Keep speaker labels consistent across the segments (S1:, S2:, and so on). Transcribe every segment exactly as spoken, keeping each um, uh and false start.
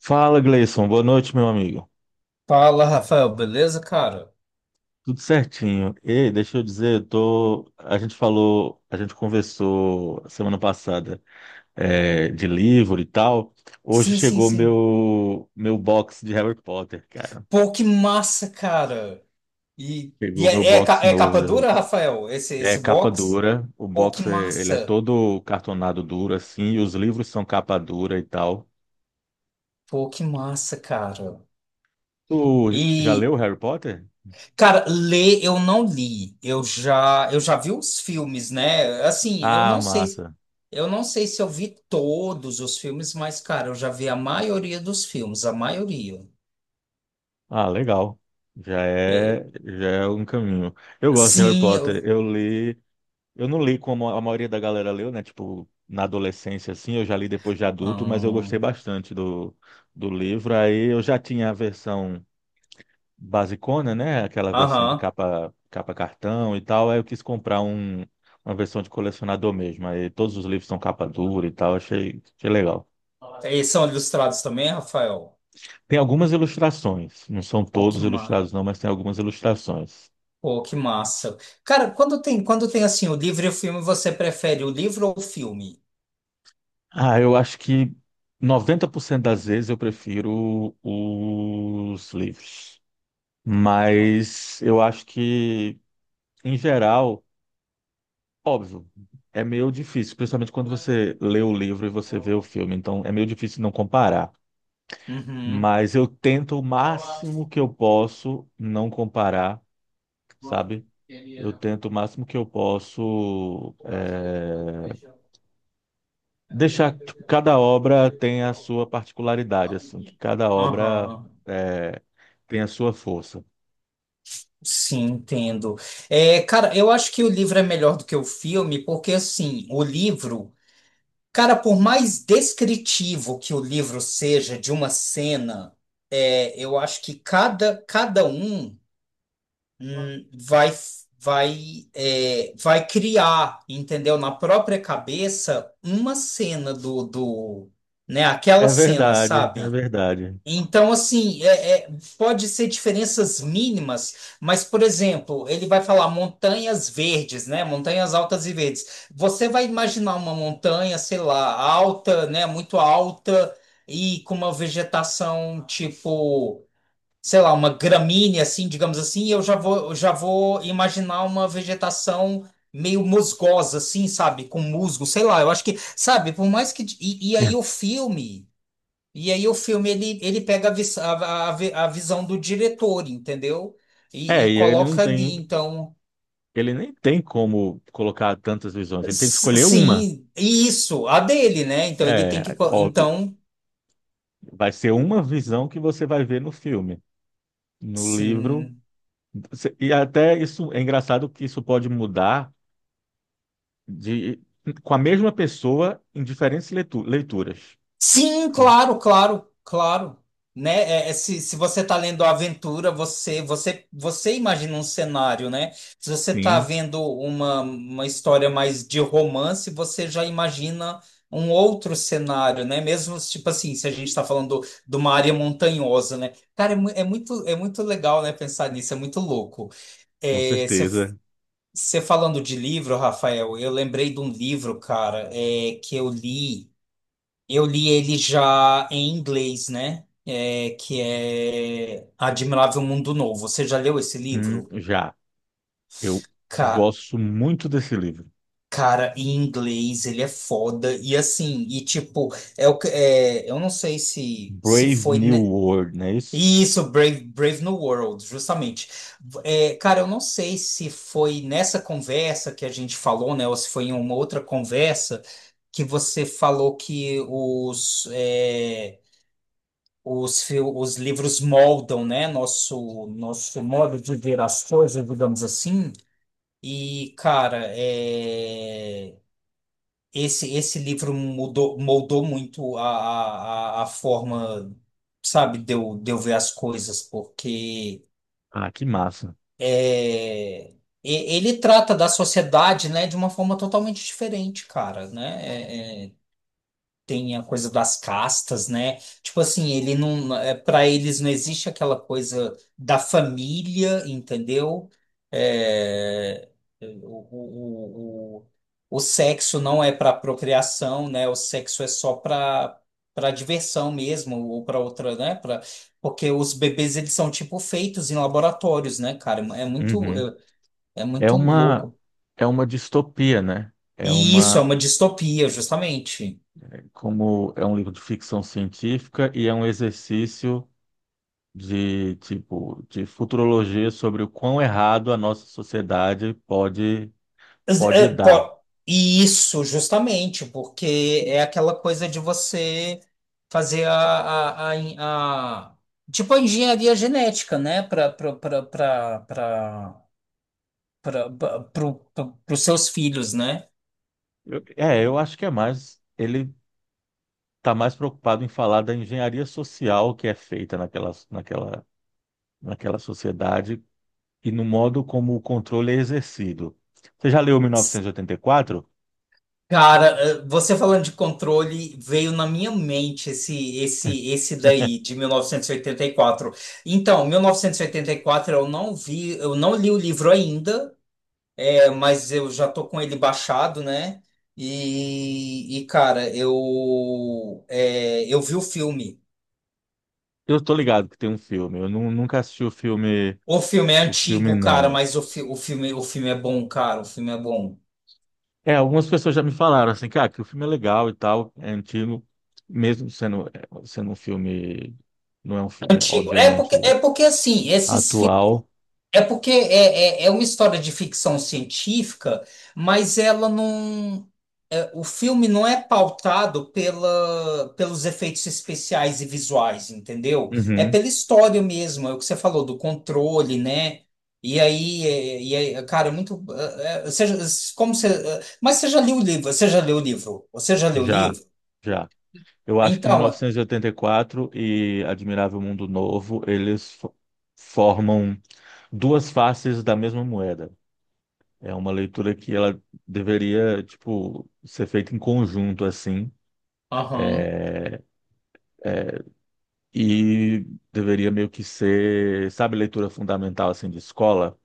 S1: Fala, Gleison. Boa noite, meu amigo.
S2: Fala, Rafael, beleza, cara?
S1: Tudo certinho. Ei, deixa eu dizer, eu tô... a gente falou, a gente conversou semana passada é, de livro e tal. Hoje
S2: Sim, sim,
S1: chegou
S2: sim.
S1: meu meu box de Harry Potter, cara.
S2: Pô, que massa, cara. E, e,
S1: Chegou meu
S2: é, é,
S1: box
S2: ca- é
S1: novo
S2: capa
S1: de Harry
S2: dura,
S1: Potter.
S2: Rafael, esse,
S1: É
S2: esse
S1: capa
S2: box?
S1: dura, o
S2: Pô, que
S1: box é, ele é
S2: massa.
S1: todo cartonado duro assim, e os livros são capa dura e tal.
S2: Pô, que massa, cara.
S1: Tu já
S2: E,
S1: leu Harry Potter?
S2: cara, ler eu não li. Eu já, eu já vi os filmes, né? Assim, eu
S1: Ah,
S2: não sei,
S1: massa.
S2: eu não sei se eu vi todos os filmes, mas, cara, eu já vi a maioria dos filmes, a maioria.
S1: Ah, legal. Já
S2: É,
S1: é, já é um caminho. Eu gosto de Harry
S2: sim,
S1: Potter.
S2: eu...
S1: Eu li, eu não li como a maioria da galera leu, né? Tipo, na adolescência, assim, eu já li depois de adulto, mas eu gostei
S2: Hum,
S1: bastante do, do livro. Aí eu já tinha a versão basicona, né? Aquela versão de
S2: Aham.
S1: capa, capa cartão e tal. Aí eu quis comprar um, uma versão de colecionador mesmo. Aí todos os livros são capa dura e tal. Achei, achei legal.
S2: Eles são ilustrados também, Rafael?
S1: Tem algumas ilustrações. Não são
S2: Pô, que
S1: todos
S2: ma...
S1: ilustrados, não, mas tem algumas ilustrações.
S2: Pô, que massa. Cara, quando tem, quando tem assim o livro e o filme, você prefere o livro ou o filme?
S1: Ah, eu acho que noventa por cento das vezes eu prefiro os livros. Mas eu acho que, em geral, óbvio, é meio difícil, principalmente quando você lê o livro e você vê o filme. Então, é meio difícil não comparar.
S2: Uhum,
S1: Mas eu tento o máximo que eu posso não comparar, sabe? Eu tento o máximo que eu posso. Eh, deixar que cada obra tem a sua particularidade, assim, que cada obra
S2: aham.
S1: é, tem a sua força.
S2: Sim, entendo. É, cara, eu acho que o livro é melhor do que o filme, porque assim, o livro, cara, por mais descritivo que o livro seja de uma cena, é, eu acho que cada, cada um. hum, vai, vai, é, vai criar, entendeu? Na própria cabeça, uma cena do, do, né? Aquela
S1: É
S2: cena,
S1: verdade,
S2: sabe?
S1: é verdade.
S2: Então, assim, é, é, pode ser diferenças mínimas, mas, por exemplo, ele vai falar montanhas verdes, né? Montanhas altas e verdes. Você vai imaginar uma montanha, sei lá, alta, né? Muito alta e com uma vegetação tipo sei lá, uma gramínea assim, digamos assim, eu já vou, eu já vou imaginar uma vegetação meio musgosa assim, sabe, com musgo, sei lá, eu acho que, sabe, por mais que e, e aí o filme, e aí o filme, ele, ele pega a, vis- a, a, vi- a visão do diretor, entendeu? E,
S1: É,
S2: e
S1: e ele não
S2: coloca ali,
S1: tem,
S2: então.
S1: ele nem tem como colocar tantas visões, ele tem que
S2: s-
S1: escolher uma.
S2: sim, e isso, a dele, né? Então ele tem que,
S1: É,
S2: co-
S1: óbvio,
S2: então,
S1: vai ser uma visão que você vai ver no filme, no livro.
S2: sim.
S1: Se- E até isso é engraçado que isso pode mudar de com a mesma pessoa em diferentes leitu- leituras.
S2: Sim, claro, claro, claro. Né? É, é, se, se você está lendo a aventura, você, você, você imagina um cenário, né? Se você está
S1: Sim,
S2: vendo uma, uma história mais de romance, você já imagina um outro cenário, né? Mesmo, tipo assim, se a gente está falando de uma área montanhosa, né? Cara, é, mu- é muito, é muito legal, né, pensar nisso, é muito louco.
S1: com
S2: É, você
S1: certeza.
S2: você falando de livro, Rafael, eu lembrei de um livro, cara, é, que eu li. Eu li ele já em inglês, né? É, que é Admirável Mundo Novo. Você já leu esse
S1: Hum,
S2: livro?
S1: já. Eu
S2: Ca-
S1: gosto muito desse livro.
S2: cara, em inglês ele é foda. E assim, e tipo, é, o que- é, eu não sei se, se
S1: Brave
S2: foi.
S1: New
S2: ne-
S1: World, não é isso?
S2: Isso, Brave, Brave New World, justamente. É, cara, eu não sei se foi nessa conversa que a gente falou, né? Ou se foi em uma outra conversa que você falou que os. É, Os, fil- os livros moldam, né, nosso, nosso modo de ver as coisas, digamos assim. E, cara, é, esse, esse livro mudou, moldou muito a, a, a a forma, sabe, de eu, de eu ver as coisas, porque
S1: Ah, que massa.
S2: é, e- ele trata da sociedade, né, de uma forma totalmente diferente, cara, né? É, é, tem a coisa das castas, né? Tipo assim, ele não, é, para eles não existe aquela coisa da família, entendeu? É, o, o, o, o sexo não é para procriação, né? O sexo é só para para diversão mesmo ou para outra, né? Para porque os bebês eles são tipo feitos em laboratórios, né, cara? É muito
S1: Uhum.
S2: é, é
S1: É
S2: muito
S1: uma
S2: louco.
S1: É uma distopia, né? É
S2: E isso é
S1: uma,
S2: uma distopia, justamente.
S1: como é um livro de ficção científica e é um exercício de tipo de futurologia sobre o quão errado a nossa sociedade pode pode
S2: É,
S1: dar.
S2: po- Isso, justamente, porque é aquela coisa de você fazer a, a, a, en- a- tipo a engenharia genética, né, para para os seus filhos, né?
S1: Eu- é, eu acho que é mais ele está mais preocupado em falar da engenharia social que é feita naquela naquela naquela sociedade e no modo como o controle é exercido. Você já leu mil novecentos e oitenta e quatro?
S2: Cara, eh, você falando de controle, veio na minha mente esse esse esse daí de mil novecentos e e oitenta e quatro. Então, mil novecentos e e oitenta e quatro eu não vi, eu não li o livro ainda. É, mas eu já tô com ele baixado, né? E, e, cara, eu é, eu vi o filme.
S1: Eu estou ligado que tem um filme. Eu nu- nunca assisti o filme,
S2: O filme é
S1: o filme
S2: antigo, cara,
S1: não.
S2: mas o, fi- o filme o filme é bom, cara. O filme é bom.
S1: É, algumas pessoas já me falaram assim, cara, que o filme é legal e tal, é antigo, mesmo sendo, é, sendo um filme, não é um filme,
S2: Antigo. É
S1: obviamente,
S2: porque é porque assim, esses
S1: atual.
S2: É porque é, é, é uma história de ficção científica, mas ela não. É, o filme não é pautado pela, pelos efeitos especiais e visuais, entendeu? É
S1: Uhum,
S2: pela história mesmo, é o que você falou do controle, né? E aí, é- e aí, cara, é muito. É, é, você já- como você, é, mas você já leu o livro? Você já leu o livro? Você já leu o
S1: já,
S2: livro?
S1: já. Eu acho que
S2: Então, é-
S1: 1984 e oitenta e quatro e Admirável Mundo Novo, eles fo- formam duas faces da mesma moeda. É uma leitura que ela deveria, tipo, ser feita em conjunto, assim,
S2: aham,
S1: é, e deveria meio que ser, sabe, leitura fundamental, assim, de escola,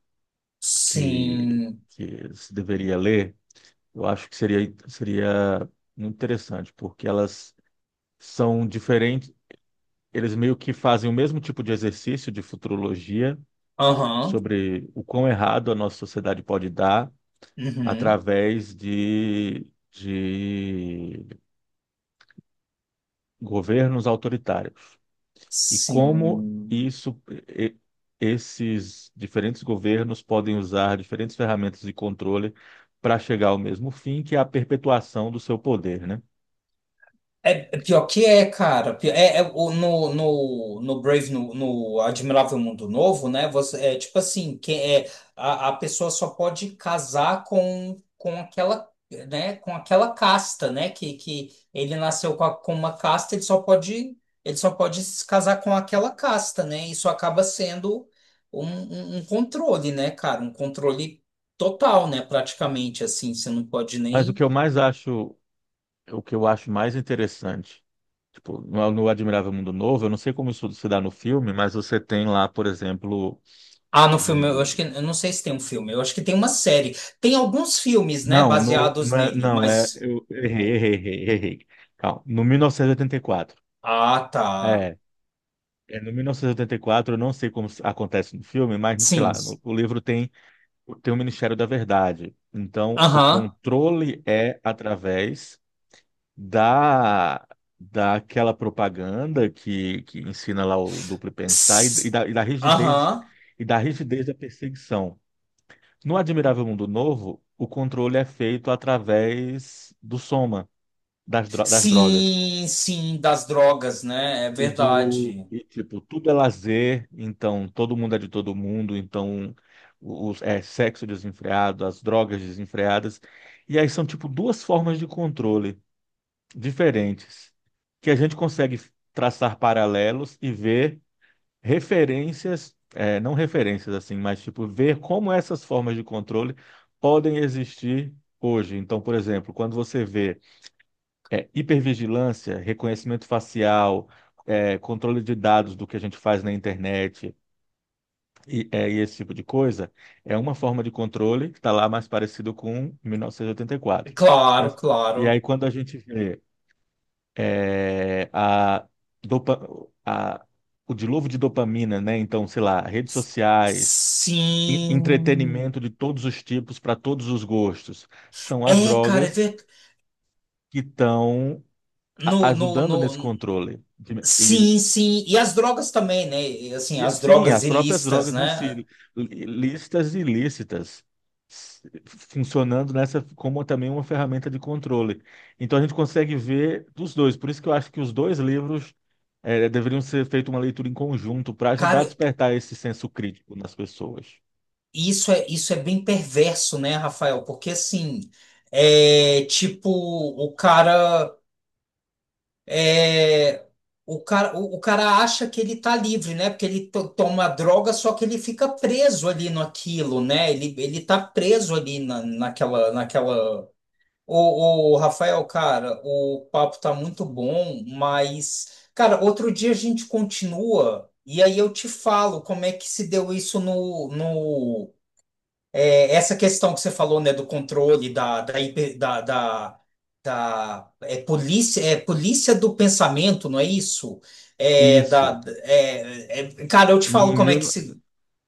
S1: que,
S2: sim,
S1: que se deveria ler. Eu acho que seria, seria muito interessante, porque elas são diferentes, eles meio que fazem o mesmo tipo de exercício de futurologia
S2: aham,
S1: sobre o quão errado a nossa sociedade pode dar
S2: uhum,
S1: através de, de governos autoritários. E como
S2: sim.
S1: isso, e- esses diferentes governos podem usar diferentes ferramentas de controle para chegar ao mesmo fim, que é a perpetuação do seu poder, né?
S2: É, é pior que é, cara. Pi- É, é o- no, no, no Brave, no, no Admirável Mundo Novo, né? Você, é tipo assim, que é, a, a pessoa só pode casar com, com aquela, né? Com aquela casta, né? Que, que ele nasceu com, a- com uma casta, ele só pode, ele só pode se casar com aquela casta, né? Isso acaba sendo um, um, um controle, né, cara? Um controle total, né? Praticamente assim, você não pode
S1: Mas o
S2: nem.
S1: que eu mais acho, o que eu acho mais interessante, tipo, no, no Admirável Mundo Novo, eu não sei como isso se dá no filme, mas você tem lá, por exemplo,
S2: Ah, no filme, eu
S1: o
S2: acho que, eu não sei se tem um filme, eu acho que tem uma série. Tem alguns filmes, né,
S1: não, no,
S2: baseados
S1: não é,
S2: nele,
S1: não, é,
S2: mas.
S1: eu errei, errei, errei, errei. Calma, no mil novecentos e oitenta e quatro.
S2: Ah, tá.
S1: É, é no mil novecentos e oitenta e quatro, eu não sei como s- acontece no filme, mas sei
S2: Sim.
S1: lá, no- o livro tem, tem o Ministério da Verdade. Então, o
S2: Aham.
S1: controle é através da, daquela propaganda que, que ensina lá o duplo pensar e, e
S2: S-
S1: da, e da rigidez,
S2: Aham.
S1: e da rigidez da perseguição. No Admirável Mundo Novo, o controle é feito através do soma. Das, dro- das drogas.
S2: Sim, sim, das drogas, né? É
S1: E do,
S2: verdade.
S1: e, tipo, tudo é lazer, então todo mundo é de todo mundo, então os, é sexo desenfreado, as drogas desenfreadas. E aí são, tipo, duas formas de controle diferentes que a gente consegue traçar paralelos e ver referências, é, não referências assim, mas, tipo, ver como essas formas de controle podem existir hoje. Então, por exemplo, quando você vê é, hipervigilância, reconhecimento facial, é, controle de dados do que a gente faz na internet e, é, e esse tipo de coisa, é uma forma de controle que está lá mais parecido com mil novecentos e oitenta e quatro.
S2: Claro,
S1: Mas, e aí,
S2: claro.
S1: quando a gente vê é, a, dopa, a, o dilúvio de dopamina, né? Então, sei lá, redes
S2: S-
S1: sociais. en-
S2: Sim.
S1: Entretenimento de todos os tipos, para todos os gostos. São as
S2: É, cara, é
S1: drogas
S2: verdade.
S1: que estão a-
S2: No, no,
S1: ajudando
S2: no...
S1: nesse controle. De- E,
S2: Sim, sim. E, as drogas também, né? E, assim,
S1: e,
S2: as
S1: sim,
S2: drogas
S1: as próprias
S2: ilícitas,
S1: drogas em si,
S2: né?
S1: lí- lícitas e ilícitas, s- funcionando nessa como também uma ferramenta de controle. Então a gente consegue ver dos dois. Por isso que eu acho que os dois livros eh, deveriam ser feita uma leitura em conjunto para ajudar a
S2: Cara,
S1: despertar esse senso crítico nas pessoas.
S2: Isso é, isso é bem perverso, né, Rafael? Porque assim, é tipo, o cara é o cara, o, o cara acha que ele tá livre, né? Porque ele to- toma droga, só que ele fica preso ali naquilo, né? Ele, ele tá preso ali na, naquela, naquela. Ô, ô, Rafael, cara, o papo tá muito bom, mas, cara, outro dia a gente continua e aí eu te falo como é que se deu isso. no, no é, Essa questão que você falou, né, do controle da, da, hiper- da, da, da- é, polícia, é polícia do pensamento, não é isso? É, da,
S1: Isso.
S2: é, é- cara, eu te falo
S1: Em
S2: como é que
S1: mil,
S2: se,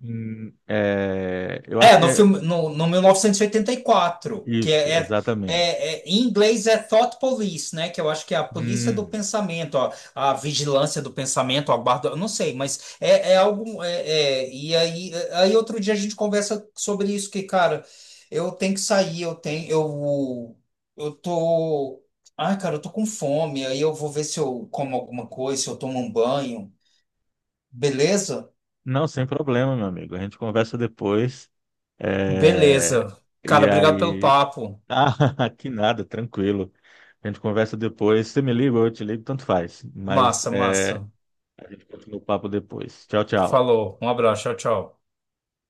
S1: em, eh, eu acho
S2: é,
S1: que
S2: no
S1: é
S2: filme, no, no mil novecentos e oitenta e quatro, que
S1: isso,
S2: é, é,
S1: exatamente.
S2: é- é- em inglês é Thought Police, né? Que eu acho que é a polícia do
S1: Hum.
S2: pensamento, ó, a vigilância do pensamento, a guarda, eu não sei, mas é, é algo. é- é, e aí, aí outro dia a gente conversa sobre isso, que, cara, eu tenho que sair, eu tenho, eu, eu tô. Ai, cara, eu tô com fome, aí eu vou ver se eu como alguma coisa, se eu tomo um banho. Beleza?
S1: Não, sem problema, meu amigo. A gente conversa depois. É,
S2: Beleza.
S1: e
S2: Cara, obrigado pelo
S1: aí.
S2: papo.
S1: Ah, que nada, tranquilo. A gente conversa depois. Você me liga ou eu te ligo, tanto faz. Mas
S2: Massa,
S1: é,
S2: massa.
S1: a gente continua o papo depois. Tchau, tchau.
S2: Falou. Um abraço. Tchau, tchau.